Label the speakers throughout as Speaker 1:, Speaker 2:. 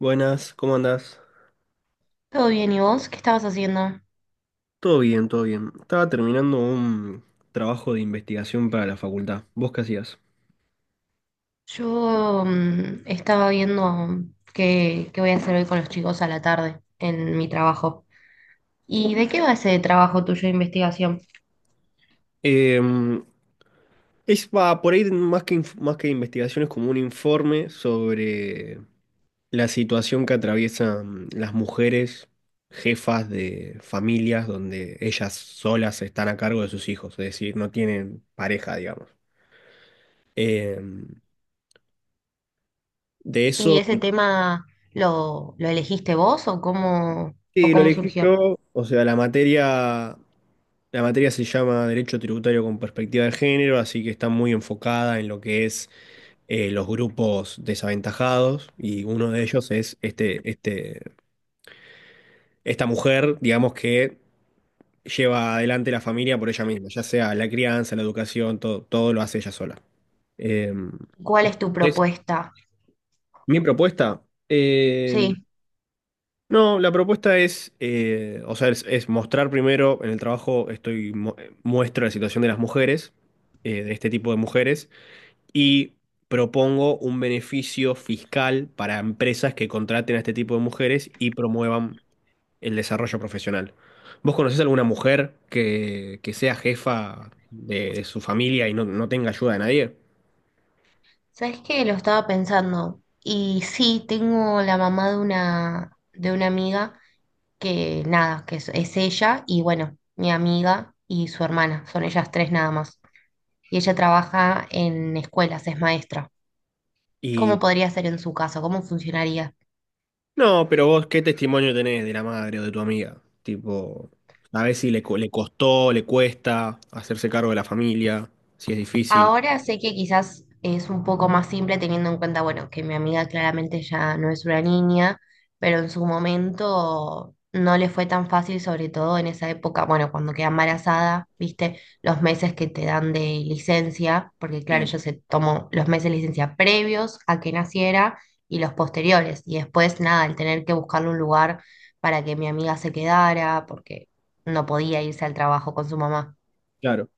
Speaker 1: Buenas, ¿cómo andás?
Speaker 2: Todo bien, ¿y vos? ¿Qué estabas haciendo?
Speaker 1: Todo bien, todo bien. Estaba terminando un trabajo de investigación para la facultad. ¿Vos qué hacías?
Speaker 2: Yo estaba viendo qué voy a hacer hoy con los chicos a la tarde en mi trabajo. ¿Y de qué va ese trabajo tuyo de investigación?
Speaker 1: Em, es va, por ahí más que más que investigación es como un informe sobre la situación que atraviesan las mujeres jefas de familias donde ellas solas están a cargo de sus hijos, es decir, no tienen pareja, digamos. Em, de
Speaker 2: ¿Y
Speaker 1: eso.
Speaker 2: ese tema lo elegiste vos o
Speaker 1: Sí, lo
Speaker 2: cómo
Speaker 1: elegí
Speaker 2: surgió?
Speaker 1: yo. O sea, la materia se llama Derecho Tributario con Perspectiva de Género, así que está muy enfocada en lo que es los grupos desaventajados y uno de ellos es esta mujer, digamos, que lleva adelante la familia por ella misma, ya sea la crianza, la educación, todo, todo lo hace ella sola. Eh,
Speaker 2: ¿Cuál es tu
Speaker 1: entonces,
Speaker 2: propuesta?
Speaker 1: mi propuesta, em,
Speaker 2: Sí,
Speaker 1: no, la propuesta es, o sea, es mostrar primero en el trabajo, muestro la situación de las mujeres, de este tipo de mujeres, y propongo un beneficio fiscal para empresas que contraten a este tipo de mujeres y promuevan el desarrollo profesional. ¿Vos conocés alguna mujer que sea jefa de su familia y no tenga ayuda de nadie?
Speaker 2: sabes que lo estaba pensando. Y sí, tengo la mamá de de una amiga que nada, es ella y bueno, mi amiga y su hermana, son ellas tres nada más. Y ella trabaja en escuelas, es maestra. ¿Cómo podría ser en su caso? ¿Cómo funcionaría?
Speaker 1: No, pero vos, ¿qué testimonio tenés de la madre o de tu amiga? Tipo, a ver si le, co- le costó, le cuesta hacerse cargo de la familia, si es difícil.
Speaker 2: Ahora sé que quizás es un poco más simple teniendo en cuenta, bueno, que mi amiga claramente ya no es una niña, pero en su momento no le fue tan fácil, sobre todo en esa época, bueno, cuando queda embarazada, viste, los meses que te dan de licencia, porque claro,
Speaker 1: Sí,
Speaker 2: ella se tomó los meses de licencia previos a que naciera y los posteriores, y después nada, el tener que buscarle un lugar para que mi amiga se quedara, porque no podía irse al trabajo con su mamá.
Speaker 1: claro.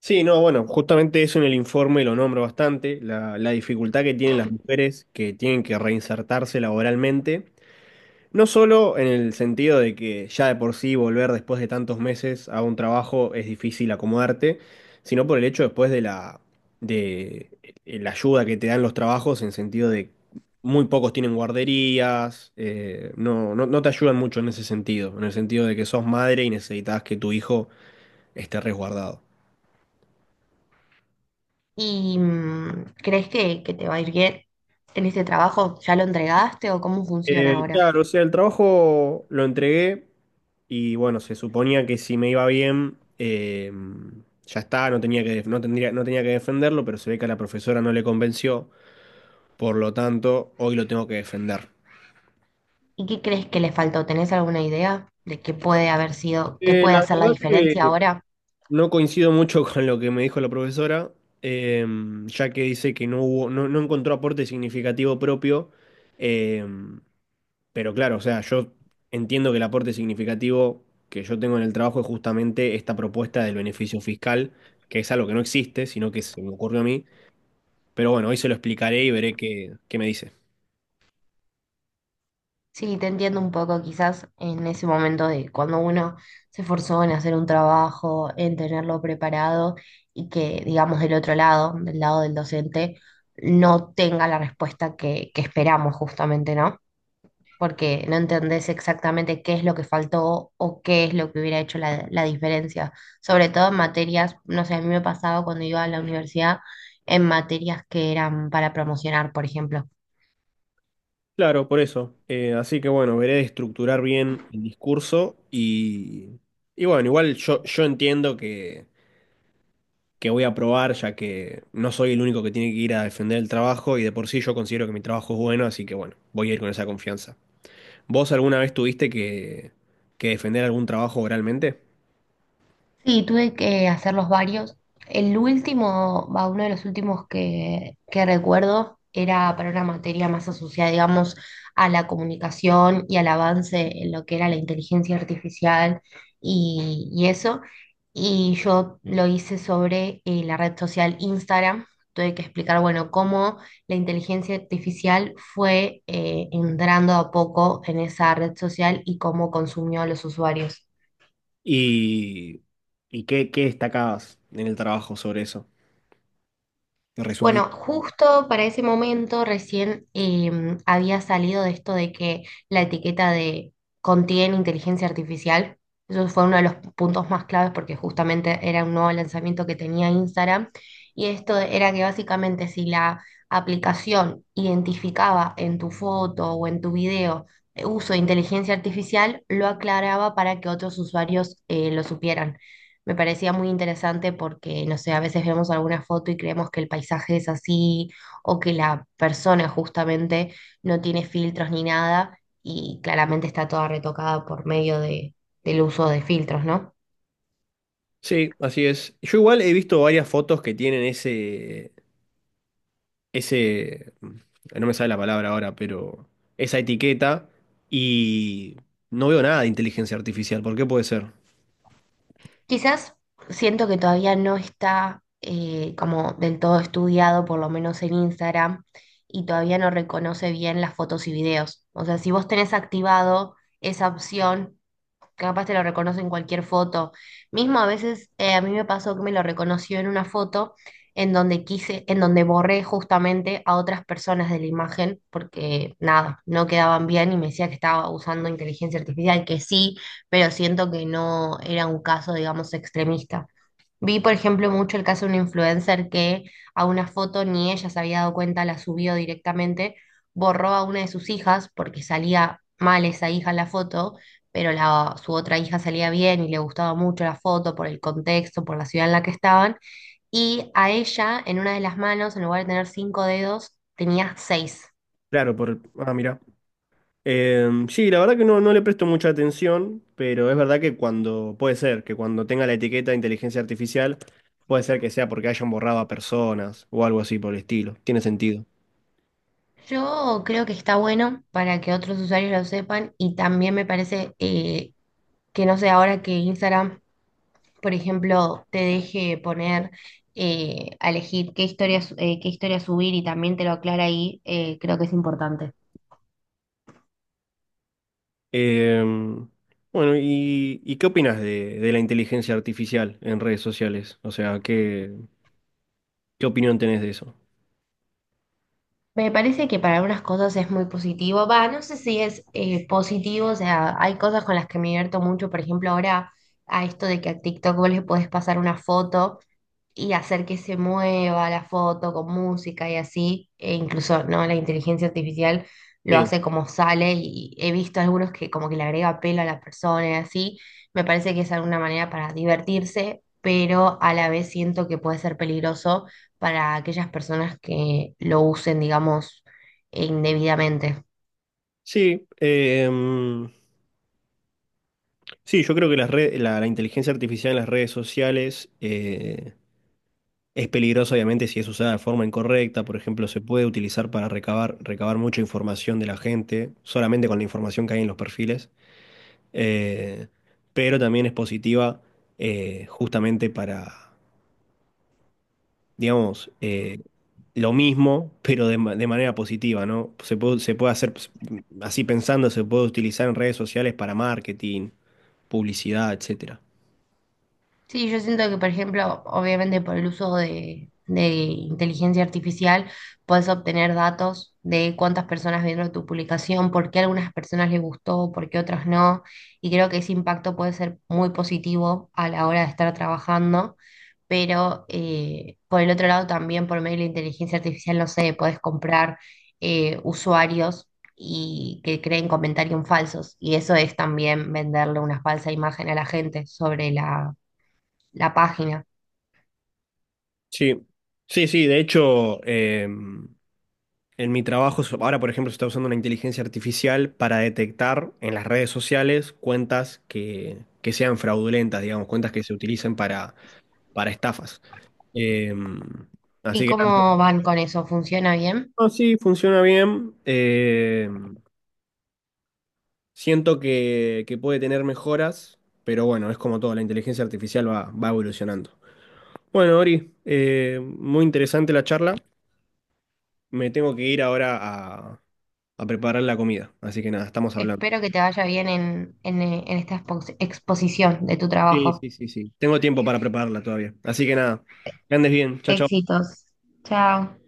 Speaker 1: Sí, no, bueno, justamente eso en el informe lo nombro bastante, la dificultad que tienen las mujeres que tienen que reinsertarse laboralmente. No solo en el sentido de que ya de por sí volver después de tantos meses a un trabajo es difícil acomodarte, sino por el hecho después de la ayuda que te dan los trabajos en sentido de muy pocos tienen guarderías, no te ayudan mucho en ese sentido, en el sentido de que sos madre y necesitas que tu hijo esté resguardado.
Speaker 2: ¿Y crees que te va a ir bien en este trabajo? ¿Ya lo entregaste o cómo funciona ahora?
Speaker 1: Claro, o sea, el trabajo lo entregué y bueno, se suponía que si me iba bien, ya está, no tenía que defenderlo, pero se ve que a la profesora no le convenció, por lo tanto, hoy lo tengo que defender.
Speaker 2: ¿Y qué crees que le faltó? ¿Tenés alguna idea de qué puede haber sido, qué puede
Speaker 1: La
Speaker 2: hacer la
Speaker 1: verdad
Speaker 2: diferencia
Speaker 1: que
Speaker 2: ahora?
Speaker 1: no coincido mucho con lo que me dijo la profesora, eh, ya que dice que no hubo, no, no encontró aporte significativo propio. eh, Pero claro, o sea, yo entiendo que el aporte significativo que yo tengo en el trabajo es justamente esta propuesta del beneficio fiscal, que es algo que no existe, sino que se me ocurrió a mí. Pero bueno, hoy se lo explicaré y veré qué me dice.
Speaker 2: Sí, te entiendo un poco quizás en ese momento de cuando uno se esforzó en hacer un trabajo, en tenerlo preparado y que, digamos, del otro lado del docente, no tenga la respuesta que esperamos justamente, ¿no? Porque no entendés exactamente qué es lo que faltó o qué es lo que hubiera hecho la diferencia. Sobre todo en materias, no sé, a mí me pasaba cuando iba a la universidad en materias que eran para promocionar, por ejemplo.
Speaker 1: Claro, por eso. Así que bueno, veré de estructurar bien el discurso y bueno, yo entiendo que voy a aprobar, ya que no soy el único que tiene que ir a defender el trabajo y de por sí yo considero que mi trabajo es bueno, así que bueno, voy a ir con esa confianza. ¿Vos alguna vez tuviste que defender algún trabajo oralmente?
Speaker 2: Sí, tuve que hacerlos varios. El último, va, uno de los últimos que recuerdo era para una materia más asociada, digamos, a la comunicación y al avance en lo que era la inteligencia artificial y eso. Y yo lo hice sobre la red social Instagram. Tuve que explicar, bueno, cómo la inteligencia artificial fue entrando a poco en esa red social y cómo consumió a los usuarios.
Speaker 1: ¿Y, y qué destacabas en el trabajo sobre eso? Te resumí.
Speaker 2: Bueno, justo para ese momento recién había salido de esto de que la etiqueta de contiene inteligencia artificial. Eso fue uno de los puntos más claves porque justamente era un nuevo lanzamiento que tenía Instagram. Y esto era que básicamente si la aplicación identificaba en tu foto o en tu video uso de inteligencia artificial, lo aclaraba para que otros usuarios lo supieran. Me parecía muy interesante porque, no sé, a veces vemos alguna foto y creemos que el paisaje es así o que la persona justamente no tiene filtros ni nada y claramente está toda retocada por medio del uso de filtros, ¿no?
Speaker 1: Sí, así es. Yo igual he visto varias fotos que tienen ese no me sale la palabra ahora, pero esa etiqueta y no veo nada de inteligencia artificial. ¿Por qué puede ser?
Speaker 2: Quizás siento que todavía no está como del todo estudiado, por lo menos en Instagram, y todavía no reconoce bien las fotos y videos. O sea, si vos tenés activado esa opción capaz te lo reconoce en cualquier foto. Mismo a veces a mí me pasó que me lo reconoció en una foto en donde quise, en donde borré justamente a otras personas de la imagen porque nada, no quedaban bien y me decía que estaba usando inteligencia artificial, que sí, pero siento que no era un caso, digamos, extremista. Vi, por ejemplo, mucho el caso de una influencer que a una foto ni ella se había dado cuenta, la subió directamente, borró a una de sus hijas porque salía mal esa hija en la foto, pero su otra hija salía bien y le gustaba mucho la foto por el contexto, por la ciudad en la que estaban. Y a ella, en una de las manos, en lugar de tener 5 dedos, tenía 6.
Speaker 1: Claro, por... Ah, mira. Sí, la verdad que no le presto mucha atención, pero es verdad que cuando, puede ser, que cuando tenga la etiqueta de inteligencia artificial, puede ser que sea porque hayan borrado a personas o algo así por el estilo. Tiene sentido.
Speaker 2: Yo creo que está bueno para que otros usuarios lo sepan y también me parece que no sé, ahora que Instagram por ejemplo, te deje poner a elegir qué historias qué historia subir y también te lo aclara ahí, creo que es importante.
Speaker 1: Em, bueno, y qué opinas de la inteligencia artificial en redes sociales? O sea, ¿qué, qué opinión tenés de eso?
Speaker 2: Me parece que para algunas cosas es muy positivo. Va, no sé si es positivo, o sea, hay cosas con las que me divierto mucho, por ejemplo, ahora a esto de que a TikTok vos le podés pasar una foto y hacer que se mueva la foto con música y así, e incluso no la inteligencia artificial lo
Speaker 1: Sí,
Speaker 2: hace como sale y he visto algunos que como que le agrega pelo a las personas y así, me parece que es alguna manera para divertirse, pero a la vez siento que puede ser peligroso para aquellas personas que lo usen, digamos, indebidamente.
Speaker 1: sí, sí, yo creo que la inteligencia artificial en las redes sociales, es peligroso, obviamente, si es usada de forma incorrecta. Por ejemplo, se puede utilizar para recabar mucha información de la gente, solamente con la información que hay en los perfiles. Eh, pero también es positiva justamente para, digamos, lo mismo, pero de manera positiva, ¿no? Se puede hacer, pues, así pensando, se puede utilizar en redes sociales para marketing, publicidad, etcétera.
Speaker 2: Sí, yo siento que, por ejemplo, obviamente por el uso de inteligencia artificial, puedes obtener datos de cuántas personas vieron tu publicación, por qué a algunas personas les gustó, por qué otras no. Y creo que ese impacto puede ser muy positivo a la hora de estar trabajando. Pero por el otro lado, también por medio de la inteligencia artificial, no sé, puedes comprar usuarios y que creen comentarios falsos. Y eso es también venderle una falsa imagen a la gente sobre la página.
Speaker 1: Sí, sí, sí, de hecho. En mi trabajo, ahora por ejemplo, se está usando una inteligencia artificial para detectar en las redes sociales cuentas que sean fraudulentas, digamos, cuentas que se utilicen para estafas. Eh,
Speaker 2: ¿Y
Speaker 1: Así que nada.
Speaker 2: cómo van con eso? ¿Funciona bien?
Speaker 1: No, sí, funciona bien. Siento que puede tener mejoras, pero bueno, es como todo, la inteligencia artificial va evolucionando. Bueno, Ori, muy interesante la charla. Me tengo que ir ahora a preparar la comida, así que nada, estamos hablando.
Speaker 2: Espero que te vaya bien en esta exposición de tu
Speaker 1: Sí,
Speaker 2: trabajo.
Speaker 1: sí, sí, sí. Tengo tiempo para prepararla todavía. Así que nada, que andes bien. Chao, chao.
Speaker 2: Éxitos. Chao.